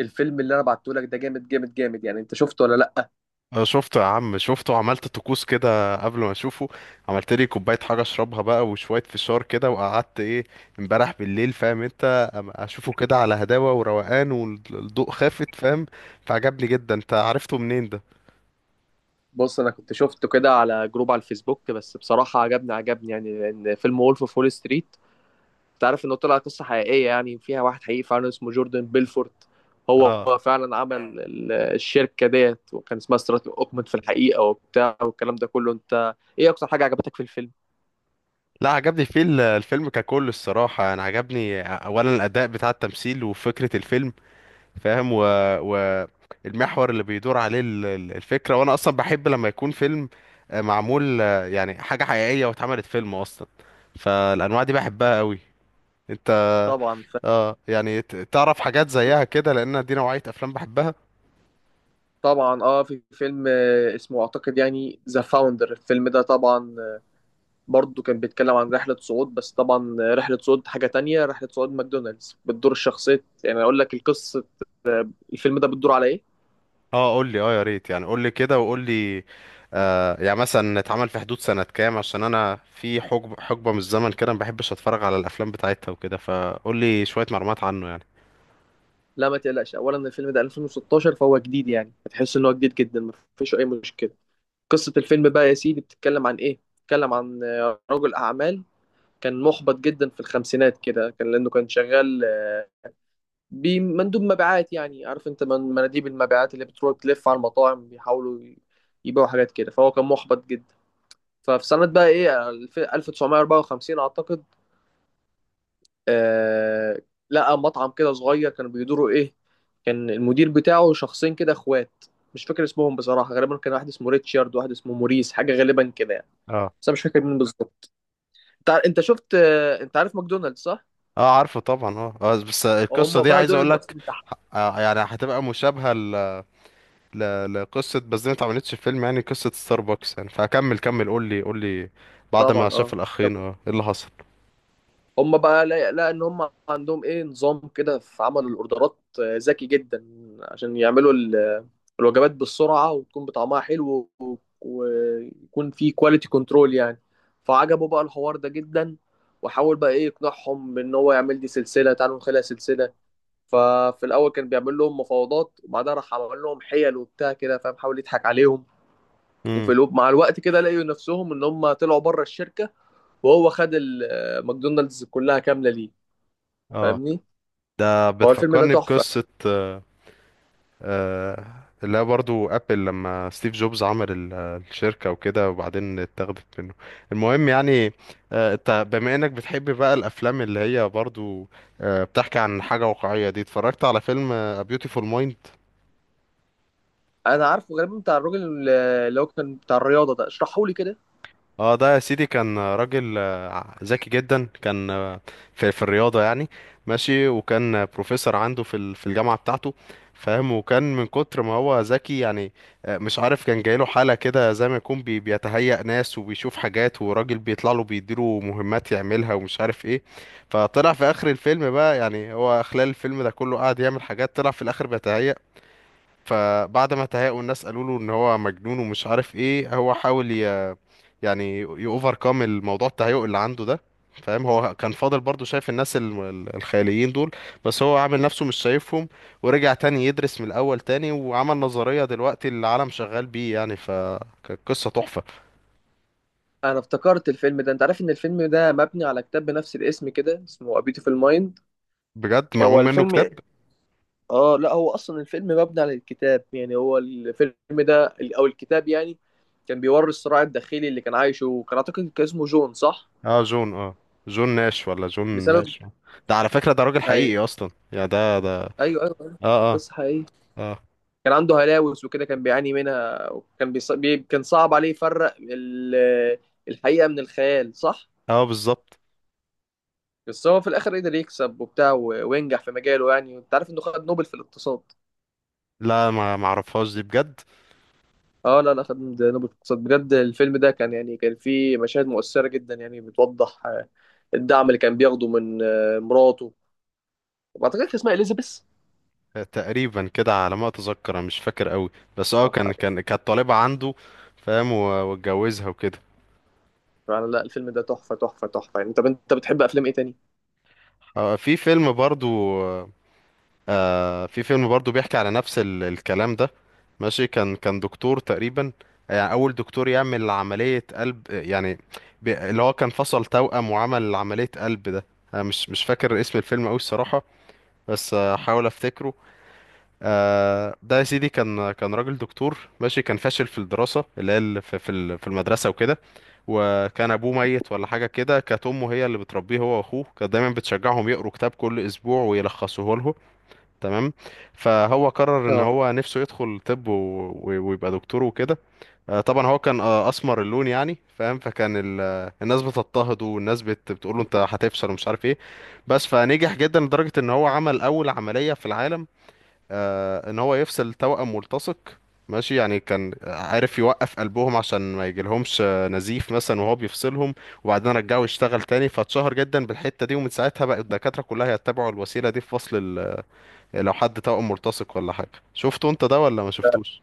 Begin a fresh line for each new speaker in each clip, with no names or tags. الفيلم اللي انا بعته لك ده جامد جامد جامد يعني انت شفته ولا لا؟
أه، شفته يا عم شفته وعملت طقوس كده قبل ما اشوفه. عملت لي كوبايه حاجه اشربها بقى وشويه فشار كده وقعدت ايه امبارح بالليل، فاهم انت؟ اشوفه كده على هداوه وروقان والضوء خافت، فاهم؟ فعجبني جدا. انت عرفته منين ده؟
بص، انا كنت شفته كده على جروب على الفيسبوك، بس بصراحه عجبني يعني لان فيلم وولف اوف وول ستريت انت عارف انه طلع قصه حقيقيه، يعني فيها واحد حقيقي فعلا اسمه جوردن بيلفورت. هو
اه.
فعلا عمل الشركه ديت وكان اسمها ستراتيك اوكمنت في الحقيقه وبتاع والكلام ده كله. انت ايه اكتر حاجه عجبتك في الفيلم؟
لا، عجبني فيه الفيلم ككل الصراحه. انا عجبني اولا الاداء بتاع التمثيل وفكره الفيلم، فاهم؟ و... المحور اللي بيدور عليه الفكرة، وانا اصلا بحب لما يكون فيلم معمول، يعني حاجة حقيقية واتعملت فيلم اصلا. فالانواع دي بحبها قوي. انت
طبعا
اه يعني تعرف حاجات زيها كده؟ لان دي نوعية افلام بحبها.
طبعا اه، في فيلم اسمه اعتقد يعني ذا فاوندر. الفيلم ده طبعا برضه كان بيتكلم عن رحلة صعود، بس طبعا رحلة صعود حاجة تانية، رحلة صعود ماكدونالدز. بتدور الشخصية، يعني أقول لك القصة. الفيلم ده بتدور على إيه؟
اه، قول لي اه، يا ريت يعني قول لي كده وقول لي. آه يعني مثلا اتعمل في حدود سنة كام؟ عشان انا في حقبة من الزمن كده ما بحبش اتفرج على الافلام بتاعتها وكده، فقول لي شوية معلومات عنه يعني.
لا ما تقلقش، أولا الفيلم ده 2016 فهو جديد، يعني هتحس إن هو جديد جدا. مفيش أي مشكلة. قصة الفيلم بقى يا سيدي بتتكلم عن إيه؟ بتتكلم عن رجل أعمال كان محبط جدا في الخمسينات كده، كان لأنه كان شغال بمندوب مبيعات. يعني عارف أنت مناديب المبيعات اللي بتروح تلف على المطاعم بيحاولوا يبيعوا حاجات كده، فهو كان محبط جدا. ففي سنة بقى ايه 1954 اعتقد. آه، لقى مطعم كده صغير كانوا بيدوروا ايه. كان المدير بتاعه شخصين كده اخوات، مش فاكر اسمهم بصراحة، غالبا كان واحد اسمه ريتشارد وواحد اسمه موريس، حاجة غالبا كده يعني.
اه.
بس انا مش فاكر مين بالظبط. انت انت شفت آه، انت عارف ماكدونالدز صح؟
اه، عارفه طبعا اه. بس القصه
هم
دي
بقى
عايز
دول
اقول لك
المؤسسين تحت.
يعني هتبقى مشابهه لقصه، بس دي ما اتعملتش في فيلم يعني قصه ستاربكس يعني. فكمل كمل، قول لي قول لي بعد ما
طبعا
شاف
اه. طب
الاخين اه ايه اللي حصل.
هم بقى لا ان هم عندهم ايه نظام كده في عمل الاوردرات ذكي جدا، عشان يعملوا الوجبات بالسرعة وتكون بطعمها حلو، ويكون في كواليتي كنترول يعني. فعجبه بقى الحوار ده جدا، وحاول بقى ايه يقنعهم بان هو يعمل دي سلسله، تعالوا نخليها سلسله. ففي الاول كان بيعمل لهم مفاوضات، وبعدها راح عمل لهم حيل وبتاع كده، فاهم، حاول يضحك عليهم.
امم.
وفي الوب مع الوقت كده لقوا نفسهم ان هم طلعوا بره الشركه، وهو خد ماكدونالدز كلها كامله ليه.
اه.
فاهمني، هو الفيلم ده
بتفكرني
تحفه.
بقصه، آه، آه، اللي هي برضو ابل لما ستيف جوبز عمل الشركة وكده وبعدين اتاخدت منه. المهم يعني، انت بما انك بتحب بقى الافلام اللي هي برضو بتحكي عن حاجة واقعية دي، اتفرجت على فيلم A Beautiful Mind؟
انا عارفه غالبا بتاع الراجل اللي هو كان بتاع الرياضه ده، اشرحه لي كده.
اه، ده يا سيدي كان راجل ذكي جدا، كان في الرياضة يعني ماشي. وكان بروفيسور عنده في في الجامعة بتاعته، فاهم؟ وكان من كتر ما هو ذكي يعني مش عارف، كان جايله حالة كده زي ما يكون بيتهيأ ناس وبيشوف حاجات وراجل بيطلع له بيديله مهمات يعملها ومش عارف ايه. فطلع في آخر الفيلم بقى، يعني هو خلال الفيلم ده كله قاعد يعمل حاجات، طلع في الآخر بيتهيأ. فبعد ما تهاقوا الناس قالوا له ان هو مجنون ومش عارف ايه، هو حاول يعني يوفركم الموضوع التهيؤ اللي عنده ده، فاهم؟ هو كان فاضل برضو شايف الناس الخياليين دول بس هو عامل نفسه مش شايفهم. ورجع تاني يدرس من الاول تاني وعمل نظرية دلوقتي العالم شغال بيه يعني، فكانت قصة تحفة.
انا افتكرت الفيلم ده، انت عارف ان الفيلم ده مبني على كتاب بنفس الاسم كده اسمه A Beautiful Mind؟
بجد معمول
هو
منه
الفيلم
كتاب؟
اه، لا هو اصلا الفيلم مبني على الكتاب يعني، هو الفيلم ده او الكتاب يعني كان بيوري الصراع الداخلي اللي كان عايشه، وكان اعتقد كان اسمه جون صح؟
اه، جون اه. جون ناش ولا جون
بسبب،
ماش؟ ده على فكرة ده راجل
ايوه،
حقيقي اصلا يعني ده ده.
ايوه أيوه.
اه اه.
قصة حقيقية.
اه
كان عنده هلاوس وكده كان بيعاني منها، وكان كان صعب عليه يفرق الحقيقة من الخيال صح.
اه بالظبط.
بس هو في الاخر قدر يكسب وبتاع وينجح في مجاله، يعني انت عارف انه خد نوبل في الاقتصاد.
لا، ما معرفهاش دي بجد.
اه لا لا، خدنا نوبل اقتصاد بجد. الفيلم ده كان يعني كان فيه مشاهد مؤثرة جدا، يعني بتوضح آه، الدعم اللي كان بياخده من آه، مراته، وبعتقد كان اسمها اليزابيث.
تقريبا كده على ما اتذكر، أنا مش فاكر قوي بس اه،
اه
كان كانت طالبة عنده، فاهم؟ واتجوزها وكده.
يعني لا، الفيلم ده تحفة تحفة تحفة يعني. طب انت بتحب افلام ايه تاني؟
في فيلم برضو، في فيلم برضو بيحكي على نفس الكلام ده ماشي. كان دكتور تقريبا، يعني اول دكتور يعمل عملية قلب يعني، اللي هو كان فصل توأم وعمل عملية قلب ده. انا مش فاكر اسم الفيلم قوي الصراحة، بس هحاول افتكره. ده يا سيدي كان راجل دكتور ماشي، كان فاشل في الدراسة اللي هي في في المدرسة وكده. وكان أبوه ميت ولا حاجة كده، كانت أمه هي اللي بتربيه هو وأخوه، كانت دايما بتشجعهم يقروا كتاب كل أسبوع ويلخصوه له، تمام؟ فهو قرر إن
اه
هو نفسه يدخل طب ويبقى دكتور وكده. طبعا هو كان أسمر اللون يعني، فاهم؟ فكان الناس بتضطهده والناس بتقوله أنت هتفشل ومش عارف إيه. بس فنجح جدا لدرجة إن هو عمل أول عملية في العالم، ان هو يفصل توأم ملتصق ماشي. يعني كان عارف يوقف قلبهم عشان ما يجيلهمش نزيف مثلا وهو بيفصلهم، وبعدين رجعه يشتغل تاني. فاتشهر جدا بالحتة دي، ومن ساعتها بقى الدكاترة كلها يتبعوا الوسيلة دي في فصل لو حد توأم ملتصق ولا حاجة. شفته انت ده ولا ما
لا.
شفتوش؟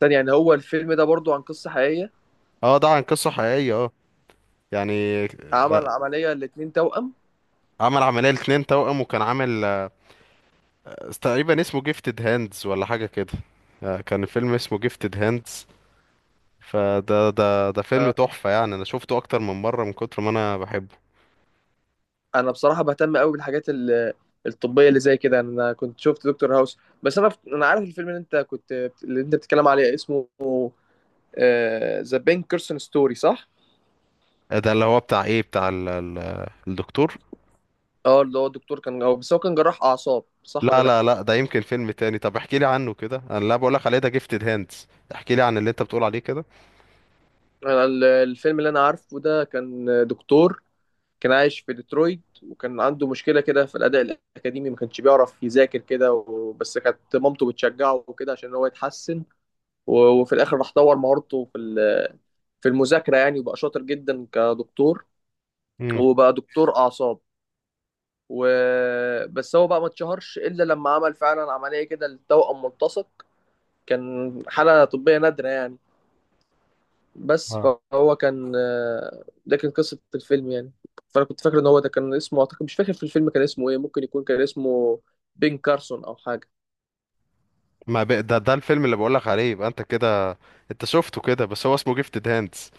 تاني يعني هو الفيلم ده برضو عن قصة حقيقية؟
اه، ده عن قصة حقيقية اه يعني
عمل
ده.
عملية الاتنين توأم.
عمل عملية لاتنين توأم وكان عامل تقريبا اسمه جيفتد هاندز ولا حاجة كده. كان فيلم اسمه جيفتد هاندز. فده ده فيلم
آه،
تحفة، يعني انا شفته اكتر من مرة من كتر ما انا بحبه.
انا بصراحة بهتم قوي بالحاجات الطبية اللي زي كده، انا كنت شفت دكتور هاوس. بس انا عارف الفيلم اللي انت كنت، اللي انت بتتكلم عليه اسمه ذا بين كيرسون ستوري صح؟
ده اللي هو بتاع ايه، بتاع ال ال الدكتور.
اه اللي هو الدكتور كان هو، بس هو كان جراح اعصاب صح ولا
لا لا
لا؟
لا، ده يمكن فيلم تاني. طب احكي لي عنه كده، انا لا بقول لك عليه ده جيفتد هاندز، احكي لي عن اللي انت بتقول عليه كده.
انا الفيلم اللي انا عارفه ده كان دكتور كان عايش في ديترويت، وكان عنده مشكله كده في الاداء الاكاديمي، ما كانش بيعرف يذاكر كده بس كانت مامته بتشجعه وكده عشان هو يتحسن، وفي الاخر راح طور مهارته في في المذاكره يعني، وبقى شاطر جدا كدكتور،
امم.
وبقى دكتور اعصاب. وبس هو بقى ما اتشهرش الا لما عمل فعلا عمليه كده للتوأم ملتصق. كان حالة طبية نادرة يعني. بس
اه.
فهو كان آه، ده كان قصة الفيلم يعني. فأنا كنت فاكر إن هو ده كان اسمه أعتقد، مش فاكر في الفيلم كان اسمه إيه، ممكن يكون كان اسمه بين كارسون أو حاجة.
ما ب... ده الفيلم اللي بقول لك عليه، يبقى انت كده انت شفته كده، بس هو اسمه جيفتد هاندز.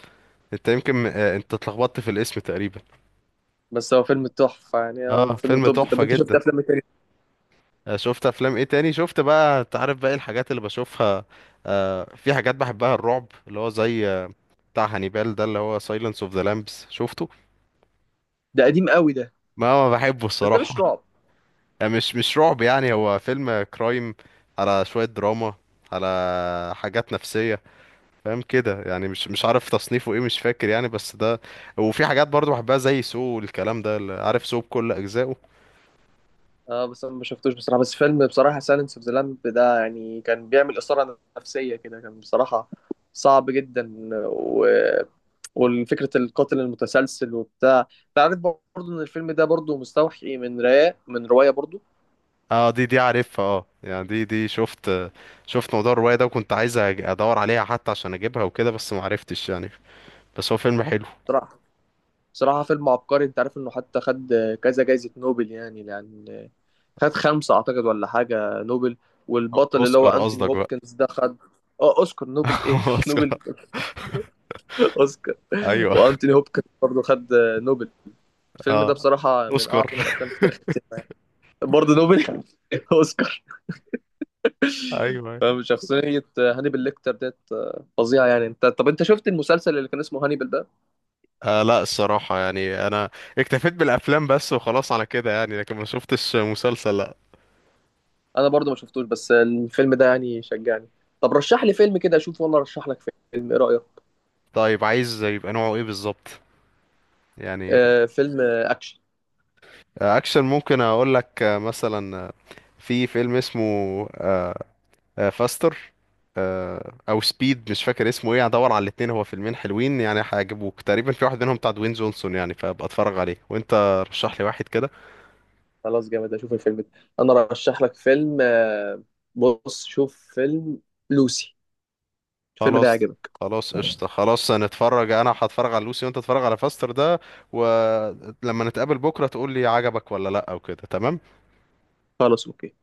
انت يمكن انت اتلخبطت في الاسم تقريبا.
بس هو فيلم تحفة يعني. آه،
اه،
فيلم
فيلم
طب. طب
تحفة
أنت شفت
جدا.
أفلام إيه تاني؟
شفت افلام ايه تاني؟ شفت بقى، انت عارف بقى إيه الحاجات اللي بشوفها. في حاجات بحبها الرعب، اللي هو زي بتاع هانيبال ده اللي هو سايلنس اوف ذا لامبس، شفته؟
ده قديم قوي ده.
ما بحبه
بس ده مش
الصراحة
رعب.
يعني مش رعب، يعني هو فيلم كرايم، على شوية دراما، على حاجات نفسية، فاهم كده؟ يعني مش عارف تصنيفه ايه مش فاكر يعني بس ده. وفي حاجات برضو بحبها زي سو والكلام ده، اللي عارف سو بكل اجزائه.
اه بس انا ما شفتوش بصراحه، بس فيلم بصراحه سايلنس اوف ذا لامب ده يعني كان بيعمل اثاره نفسيه كده، كان بصراحه صعب جدا و... والفكرة القاتل المتسلسل وبتاع. انت عارف برضه ان الفيلم ده برضه مستوحي من رواية، برضه.
اه، دي عارفها اه، يعني دي شفت. شفت موضوع الرواية ده وكنت عايز ادور عليها حتى عشان اجيبها وكده بس ما عرفتش يعني. بس هو فيلم حلو.
بصراحة، بصراحة فيلم عبقري. انت عارف انه حتى خد كذا جايزة نوبل يعني، لان خد خمسة اعتقد ولا حاجة نوبل، والبطل اللي هو
اوسكار
انتوني
قصدك بقى.
هوبكنز ده خد. اه اوسكار نوبل ايه نوبل
اوسكار.
اوسكار.
ايوه.
وانتوني هوبكنز برضه خد نوبل. الفيلم ده
اه
بصراحة من
اوسكار.
اعظم الافلام في تاريخ السينما يعني. برضه نوبل اوسكار.
ايوه.
فاهم شخصية هانيبال ليكتر ديت آه، فظيعة يعني. انت طب انت شفت المسلسل اللي كان اسمه هانيبال ده؟
آه لا، الصراحة يعني انا اكتفيت بالافلام بس وخلاص على كده يعني، لكن ما شفتش مسلسل لا.
انا برضو ما شفتوش، بس الفيلم ده يعني شجعني. طب رشح لي فيلم كده اشوف وانا ارشح لك فيلم، ايه رأيك؟
طيب، عايز يبقى نوعه ايه بالظبط يعني؟
آه فيلم آه، اكشن.
اكشن ممكن اقول لك مثلا في فيلم اسمه آه، فاستر، او سبيد، مش فاكر اسمه ايه، هدور على الاتنين. هو فيلمين حلوين يعني هيعجبوك تقريبا، في واحد منهم بتاع دوين جونسون يعني، فابقى اتفرج عليه وانت رشح لي واحد كده.
خلاص جامد، اشوف الفيلم ده. انا رشح لك فيلم آه، بص شوف فيلم لوسي، الفيلم ده
خلاص.
يعجبك.
خلاص قشطة خلاص، هنتفرج. انا هتفرج على لوسي وانت تتفرج على فاستر ده، ولما نتقابل بكرة تقول لي عجبك ولا لا او كده، تمام.
خلاص اوكي.